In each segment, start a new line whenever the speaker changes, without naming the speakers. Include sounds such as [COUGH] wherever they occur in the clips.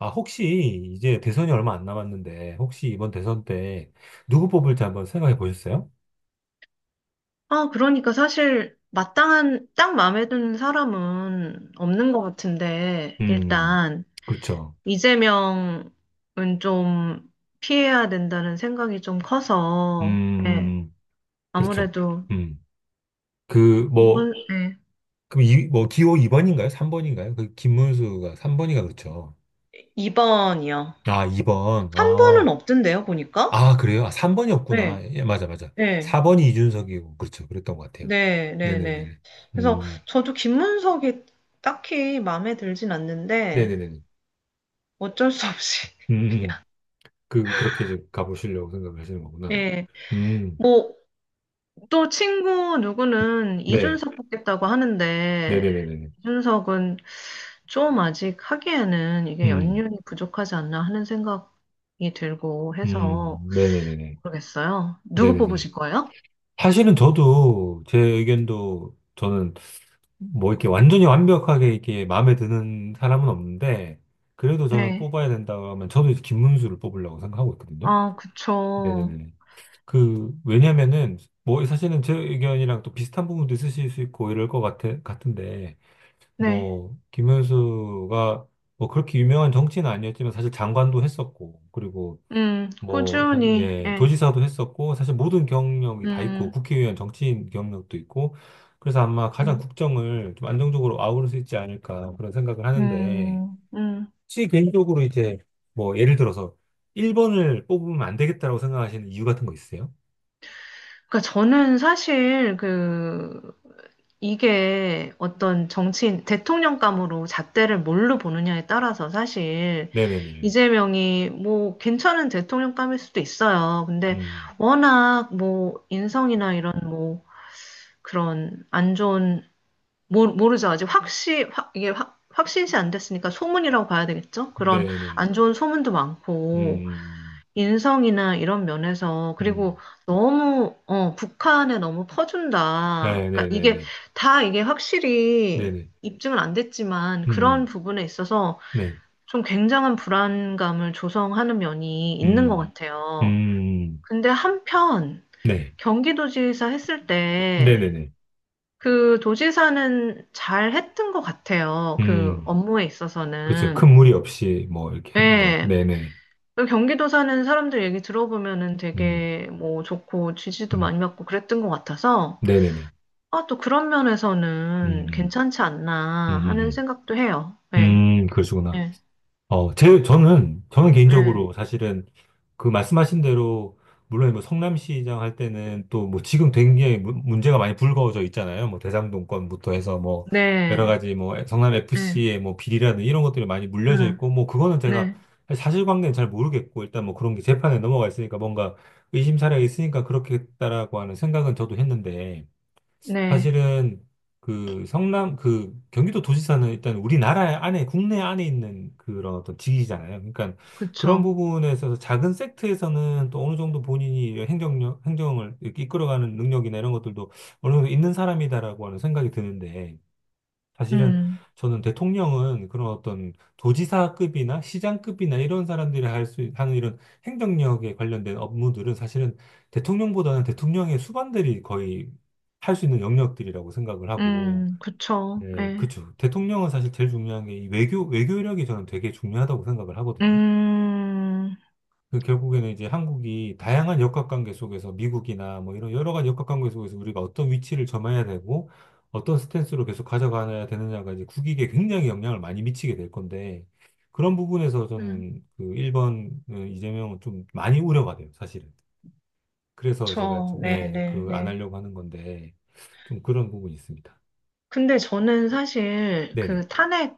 아, 혹시 이제 대선이 얼마 안 남았는데, 혹시 이번 대선 때 누구 뽑을지 한번 생각해 보셨어요?
아, 그러니까 사실 마땅한 딱 마음에 드는 사람은 없는 것 같은데
음,
일단
그렇죠.
이재명은 좀 피해야 된다는 생각이 좀 커서 예,
음, 그렇죠.
아무래도
음, 그, 뭐,
이번, 예,
그, 이, 뭐, 기호 2번인가요? 3번인가요? 그, 김문수가 3번이가 그렇죠.
2번이요.
아, 2번.
한 번은
아,
없던데요, 보니까?
아, 그래요? 아, 3번이었구나.
네,
예, 맞아, 맞아.
네,
4번이 이준석이고, 그렇죠. 그랬던 것 같아요.
네, 네, 네.
네네네네.
그래서
음,
저도 김문석이 딱히 마음에 들진 않는데
네네네네.
어쩔 수 없이 [LAUGHS] 그냥
음. 그렇게 이제 가보시려고 생각하시는 거구나.
예,
음,
뭐 또 친구 누구는
네.
이준석 뽑겠다고 하는데,
네네네네.
이준석은 좀 아직 하기에는 이게
음,
연륜이 부족하지 않나 하는 생각이 들고 해서
네네네네.
모르겠어요. 누구
네네네.
뽑으실 거예요?
사실은 저도 제 의견도 저는 뭐 이렇게 완전히 완벽하게 이렇게 마음에 드는 사람은 없는데, 그래도 저는
네.
뽑아야 된다고 하면 저도 이제 김문수를 뽑으려고 생각하고 있거든요.
아, 그쵸.
네네네. 그, 왜냐면은, 뭐 사실은 제 의견이랑 또 비슷한 부분도 있으실 수 있고 이럴 것 같은데,
네.
뭐, 김문수가 뭐 그렇게 유명한 정치는 아니었지만 사실 장관도 했었고, 그리고 뭐,
꾸준히,
예,
예.
도지사도 했었고, 사실 모든 경력이 다 있고,
음,
국회의원 정치인 경력도 있고, 그래서 아마 가장
음,
국정을 좀 안정적으로 아우를 수 있지 않을까 그런 생각을 하는데,
음.
혹시 개인적으로 이제 뭐 예를 들어서 1번을 뽑으면 안 되겠다라고 생각하시는 이유 같은 거 있으세요?
그러니까 저는 사실 그 이게 어떤 정치인, 대통령감으로 잣대를 뭘로 보느냐에 따라서 사실
네네네.
이재명이 뭐 괜찮은 대통령감일 수도 있어요. 근데
음,
워낙 뭐 인성이나 이런 뭐 그런 안 좋은, 모르죠. 아직 확시, 확, 이게 확, 확신시 안 됐으니까 소문이라고 봐야 되겠죠? 그런
네네.
안 좋은 소문도 많고,
음,
인성이나 이런 면에서
음,
그리고
음.
너무 북한에 너무 퍼준다. 그러니까 이게
네네네네.
다 이게 확실히
네네.
입증은 안 됐지만 그런
음,
부분에 있어서
네.
좀 굉장한 불안감을 조성하는 면이 있는 것
음,
같아요.
음,
근데 한편
네.
경기도지사 했을 때
네네네.
그 도지사는 잘 했던 것 같아요. 그
음.
업무에
그렇죠.
있어서는.
큰 무리 없이 뭐 이렇게 한 거.
네.
네네.
그 경기도 사는 사람들 얘기 들어보면은
네네.
되게 뭐 좋고 지지도
음.
많이 받고 그랬던 것 같아서
네네네.
아, 또 그런 면에서는
음.
괜찮지
음.
않나 하는
음.
생각도 해요.
음.
네,
음. 그러시구나.
네,
저는
네,
개인적으로 사실은 그 말씀하신 대로, 물론 뭐 성남시장 할 때는 또 뭐 지금 굉장히 문제가 많이 불거져 있잖아요. 뭐 대장동권부터 해서 뭐 여러
네,
가지 뭐
네,
성남FC의 뭐 비리라는 이런 것들이 많이 물려져
음,
있고 뭐 그거는 제가
네,
사실관계는 잘 모르겠고 일단 뭐 그런 게 재판에 넘어가 있으니까 뭔가 의심사례가 있으니까 그렇겠다라고 하는 생각은 저도 했는데
네,
사실은 그 성남 그 경기도 도지사는 일단 우리나라 안에 국내 안에 있는 그런 어떤 직위잖아요. 그러니까 그런
그쵸.
부분에 있어서 작은 섹트에서는 또 어느 정도 본인이 행정력 행정을 이렇게 이끌어가는 능력이나 이런 것들도 어느 정도 있는 사람이다라고 하는 생각이 드는데 사실은
음,
저는 대통령은 그런 어떤 도지사급이나 시장급이나 이런 사람들이 하는 이런 행정력에 관련된 업무들은 사실은 대통령보다는 대통령의 수반들이 거의 할 수 있는 영역들이라고 생각을 하고,
그쵸.
예,
네,
그쵸. 대통령은 사실 제일 중요한 게 이 외교력이 저는 되게 중요하다고 생각을 하거든요.
음,
그 결국에는 이제 한국이 다양한 역학관계 속에서 미국이나 뭐 이런 여러 가지 역학관계 속에서 우리가 어떤 위치를 점해야 되고 어떤 스탠스로 계속 가져가야 되느냐가 이제 국익에 굉장히 영향을 많이 미치게 될 건데 그런 부분에서
음,
저는 그 1번 이재명은 좀 많이 우려가 돼요, 사실은. 그래서 제가
그쵸.
좀,
네,
예,
네,
그 안
네.
하려고 하는 건데 좀 그런 부분이 있습니다.
근데 저는 사실
네네.
그 탄핵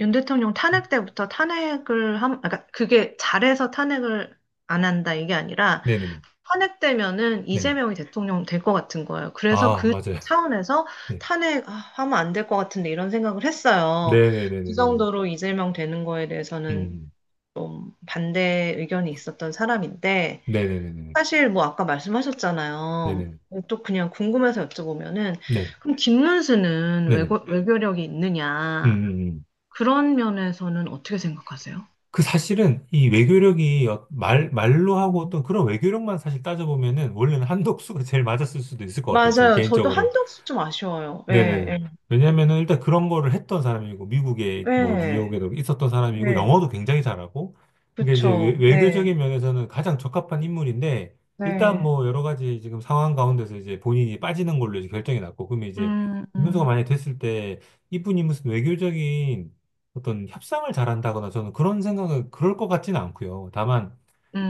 윤 대통령 탄핵 때부터 그러니까 그게 잘해서 탄핵을 안 한다 이게 아니라
네네네.
탄핵되면은
네네.
이재명이 대통령 될 것 같은 거예요. 그래서
아,
그
맞아요.
차원에서
[LAUGHS] 네.
탄핵하면 안 될 것 같은데 이런 생각을 했어요. 그
네네네네네.
정도로 이재명 되는 거에 대해서는
음.
반대 의견이 있었던 사람인데
네네네네.
사실 뭐 아까 말씀하셨잖아요.
네네.
또 그냥 궁금해서 여쭤보면은
네.
그럼 김문수는 외
네네.
고 외교력이
음,
있느냐?
음, 음.
그런 면에서는 어떻게 생각하세요?
그 사실은 이 외교력이 말로 하고
음.
어떤 그런 외교력만 사실 따져보면은 원래는 한덕수가 제일 맞았을 수도 있을 것 같아요. 저
맞아요. 저도
개인적으로.
한덕수 좀 아쉬워요. 예,
네네.
예,
왜냐면은 일단 그런 거를 했던 사람이고, 미국에 뭐
예,
뉴욕에도 있었던 사람이고,
네.
영어도 굉장히 잘하고, 그러니까 이제
그쵸.
외교적인
네,
면에서는 가장 적합한 인물인데, 일단
네.
뭐 여러 가지 지금 상황 가운데서 이제 본인이 빠지는 걸로 이제 결정이 났고, 그러면 이제
음,
김문수가
음,
만약에 됐을 때, 이분이 무슨 외교적인 어떤 협상을 잘한다거나 저는 그런 생각은 그럴 것 같지는 않고요. 다만,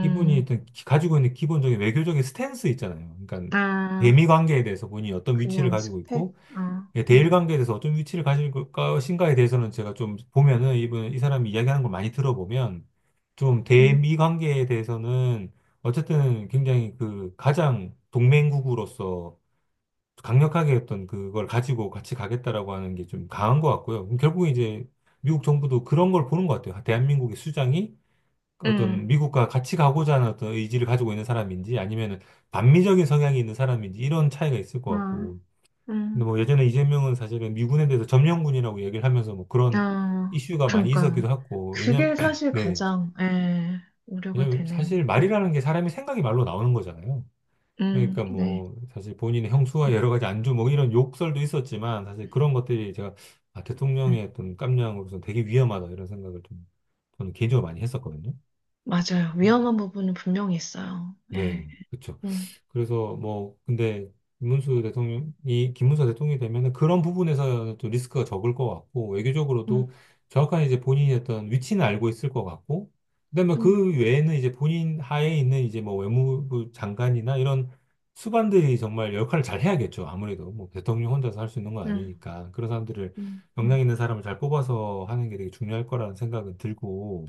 이분이 일단 가지고 있는 기본적인 외교적인 스탠스 있잖아요. 그러니까 대미
아,
관계에 대해서 본인이 어떤 위치를
그냥
가지고
스펙,
있고,
아,
예, 대일 관계에 대해서 어떤 위치를 가질 것인가에 대해서는 제가 좀 보면은 이분 이 사람이 이야기하는 걸 많이 들어보면 좀
음,
대미 관계에 대해서는 어쨌든 굉장히 그 가장 동맹국으로서 강력하게 어떤 그걸 가지고 같이 가겠다라고 하는 게 좀 강한 것 같고요. 그럼 결국에 이제 미국 정부도 그런 걸 보는 것 같아요. 아, 대한민국의 수장이 어떤
음,
미국과 같이 가고자 하는 어떤 의지를 가지고 있는 사람인지 아니면 반미적인 성향이 있는 사람인지 이런 차이가 있을 것
아,
같고 근데
음,
뭐 예전에 이재명은 사실은 미군에 대해서 점령군이라고 얘기를 하면서 뭐 그런
아.
이슈가 많이
그러니까.
있었기도 하고, 왜냐면,
그게
[CLEARS THROAT]
사실
네.
가장, 예, 우려가
왜냐면
되네요.
사실
음,
말이라는 게 사람이 생각이 말로 나오는 거잖아요. 그러니까
네.
뭐 사실 본인의 형수와 여러 가지 안주 뭐 이런 욕설도 있었지만 사실 그런 것들이 제가 아,
음.
대통령의 어떤 깜냥으로서 되게 위험하다 이런 생각을 좀 저는 개인적으로 많이 했었거든요.
맞아요. 위험한 부분은 분명히 있어요.
네,
예,
그렇죠.
음,
그래서 뭐 근데 김문수 대통령이 되면은 그런 부분에서 또 리스크가 적을 것 같고 외교적으로도
음,
정확한 이제 본인이 어떤 위치는 알고 있을 것 같고 그다음에
음,
그 외에는 이제 본인 하에 있는 이제 뭐 외무부 장관이나 이런 수반들이 정말 역할을 잘 해야겠죠. 아무래도 뭐 대통령 혼자서 할 수 있는 건
음,
아니니까 그런 사람들을
음,
역량
음.
있는 사람을 잘 뽑아서 하는 게 되게 중요할 거라는 생각은 들고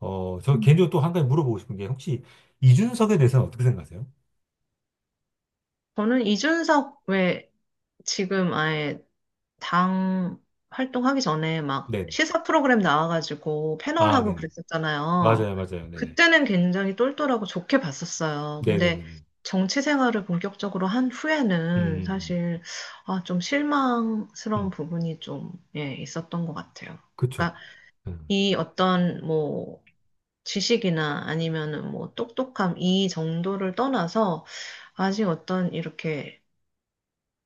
어, 저
음.
개인적으로 또 한 가지 물어보고 싶은 게 혹시 이준석에 대해서는 어떻게 생각하세요?
저는 이준석 왜 지금 아예 당 활동하기 전에 막
네.
시사 프로그램 나와가지고
아,
패널하고
네네.
그랬었잖아요.
맞아요, 맞아요. 네네.
그때는 굉장히 똘똘하고 좋게 봤었어요. 근데
네네네네.
정치 생활을 본격적으로 한
음,
후에는
음,
사실 아, 좀 실망스러운
음.
부분이 좀 예, 있었던 것 같아요.
그쵸.
그러니까
음,
이 어떤 뭐 지식이나 아니면은 뭐 똑똑함 이 정도를 떠나서 아직 어떤 이렇게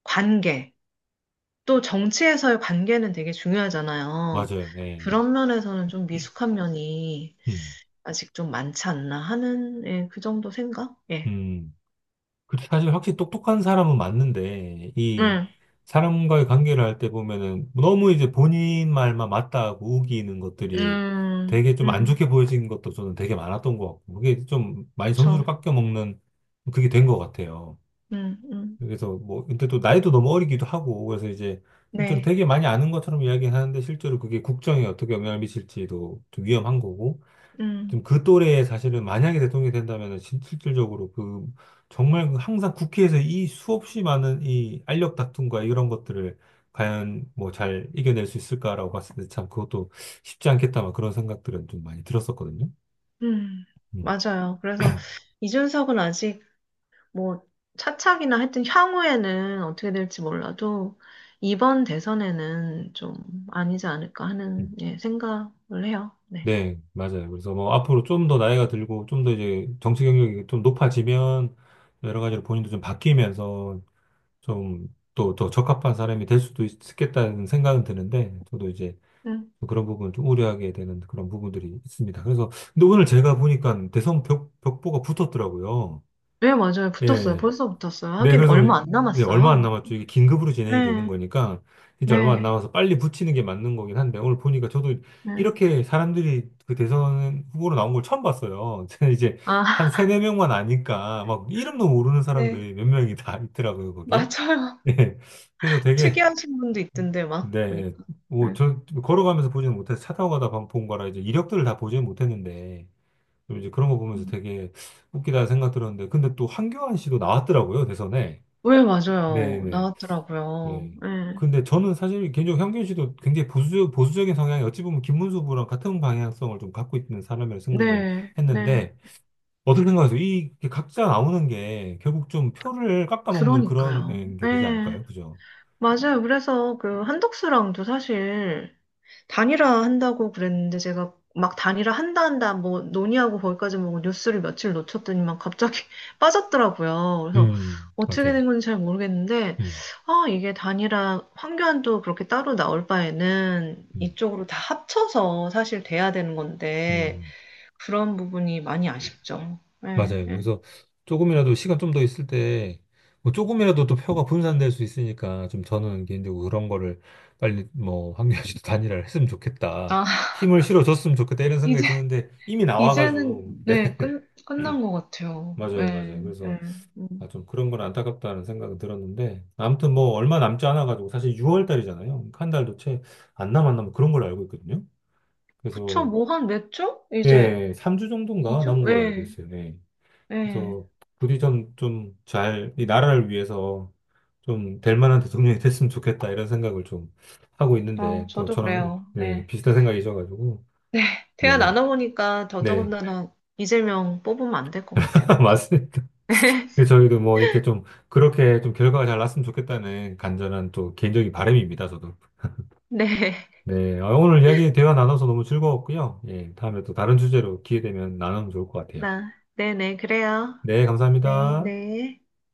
관계, 또 정치에서의 관계는 되게 중요하잖아요.
맞아요. 네.
그런 면에서는 좀 미숙한 면이
음,
아직 좀 많지 않나 하는, 예, 그 정도 생각? 예.
음. 그 사실 확실히 똑똑한 사람은 맞는데, 이
음,
사람과의 관계를 할 때 보면은 너무 이제 본인 말만 맞다고 우기는 것들이
음,
되게 좀 안
음,
좋게 보여진 것도 저는 되게 많았던 것 같고, 그게 좀 많이
저,
점수를 깎여 먹는 그게 된 것 같아요.
음, 음,
그래서 뭐, 근데 또 나이도 너무 어리기도 하고, 그래서 이제 실제로
네,
되게 많이 아는 것처럼 이야기하는데 실제로 그게 국정에 어떻게 영향을 미칠지도 좀 위험한 거고, 좀
음,
그 또래에 사실은 만약에 대통령이 된다면은 실질적으로 그 정말 그 항상 국회에서 이 수없이 많은 이 알력 다툼과 이런 것들을 과연 뭐 잘 이겨낼 수 있을까라고 봤을 때 참 그것도 쉽지 않겠다 막 그런 생각들은 좀 많이 들었었거든요.
음,
음.
맞아요. 그래서 이준석은 아직 뭐 차착이나 하여튼 향후에는 어떻게 될지 몰라도 이번 대선에는 좀 아니지 않을까
음.
하는, 예, 생각을 해요. 네.
네, 맞아요. 그래서 뭐 앞으로 좀 더 나이가 들고 좀 더 이제 정치 경력이 좀 높아지면 여러 가지로 본인도 좀 바뀌면서 좀 또 더 적합한 사람이 될 수도 있겠다는 생각은 드는데 저도 이제
음.
그런 부분 좀 우려하게 되는 그런 부분들이 있습니다. 그래서 근데 오늘 제가 보니까 대선 벽보가 붙었더라고요.
네, 맞아요. 붙었어요.
예.
벌써 붙었어요.
네,
하긴
그래서
얼마 안
이제 얼마 안
남았어요.
남았죠. 이게 긴급으로 진행이 되는
네,
거니까 진짜 얼마 안
네,
남아서 빨리 붙이는 게 맞는 거긴 한데 오늘 보니까 저도
네.
이렇게 사람들이 그 대선 후보로 나온 걸 처음 봤어요. [LAUGHS] 저는 이제 한
아, [LAUGHS]
세네 명만 아니까 막 이름도 모르는
네,
사람들이 몇 명이 다 있더라고요, 거기에.
맞아요.
네. 그래서 되게
특이하신 분도 있던데, 막,
네,
보니까.
뭐
네.
저 걸어가면서 보지는 못해서 차 타고 가다 본 거라 이제 이력들을 다 보지는 못했는데 좀 이제 그런 거 보면서
음.
되게 웃기다 생각 들었는데 근데 또 한교안 씨도 나왔더라고요, 대선에.
왜, 맞아요.
네네.
나왔더라고요.
예.
네,
근데 저는 사실 개인적으로 현균 씨도 굉장히 보수, 보수적인 성향이 어찌 보면 김문수 부랑 같은 방향성을 좀 갖고 있는 사람이라고 생각을
네, 네.
했는데, 어떻게 생각세요 이 각자 나오는 게 결국 좀 표를 깎아먹는 그런
그러니까요.
예, 게 되지
네,
않을까요? 그죠?
맞아요. 그래서 그 한덕수랑도 사실 단일화 한다고 그랬는데 제가 막 단일화 한다 뭐 논의하고 거기까지 뭐 뉴스를 며칠 놓쳤더니만 갑자기 [LAUGHS] 빠졌더라고요. 그래서 어떻게
맞아요.
된 건지 잘 모르겠는데
음,
아 이게 단일화 황교안도 그렇게 따로 나올 바에는
음,
이쪽으로 다 합쳐서 사실 돼야 되는 건데
음.
그런 부분이 많이 아쉽죠. 예,
맞아요.
예.
그래서 조금이라도 시간 좀 더 있을 때, 뭐 조금이라도 또 표가 분산될 수 있으니까 좀 저는 개인적으로 그런 거를 빨리 뭐 황교안 씨도 [LAUGHS] 단일화를 했으면 좋겠다.
아 [LAUGHS]
힘을 실어줬으면 좋겠다. 이런
이제
생각이 드는데 이미
이제는
나와가지고. 네.
네 끝난
[CLEARS THROAT]
것 같아요.
맞아요.
예,
맞아요.
예.
그래서 아,
음.
좀 그런 건 안타깝다는 생각은 들었는데 아무튼 뭐 얼마 남지 않아가지고 사실 6월 달이잖아요. 그러니까 한 달도 채 안 남았나 뭐 그런 걸로 알고 있거든요.
그쵸
그래서
뭐 한 몇 주? 이제
예, 3주 정도인가
2주?
남은 걸로 알고
예.
있어요. 네.
네.
그래서 부디 좀, 좀 잘, 이 나라를 위해서 좀 될 만한 대통령이 됐으면 좋겠다, 이런 생각을 좀 하고
아,
있는데, 또
저도
저랑,
그래요.
네,
네.
비슷한 생각이셔가지고,
네. 대화
네네.
나눠보니까
네,
더더군다나 이재명 뽑으면 안 될 것 같아요.
[LAUGHS] 맞습니다. 그래서 저희도 뭐 이렇게 좀, 그렇게 좀 결과가 잘 났으면 좋겠다는 간절한 또 개인적인 바람입니다, 저도.
네. [LAUGHS]
네, 아, 오늘 이야기 대화 나눠서 너무 즐거웠고요. 예, 다음에 또 다른 주제로 기회 되면 나누면 좋을 것 같아요.
나, 네네, 그래요.
네,
네,
감사합니다.
네.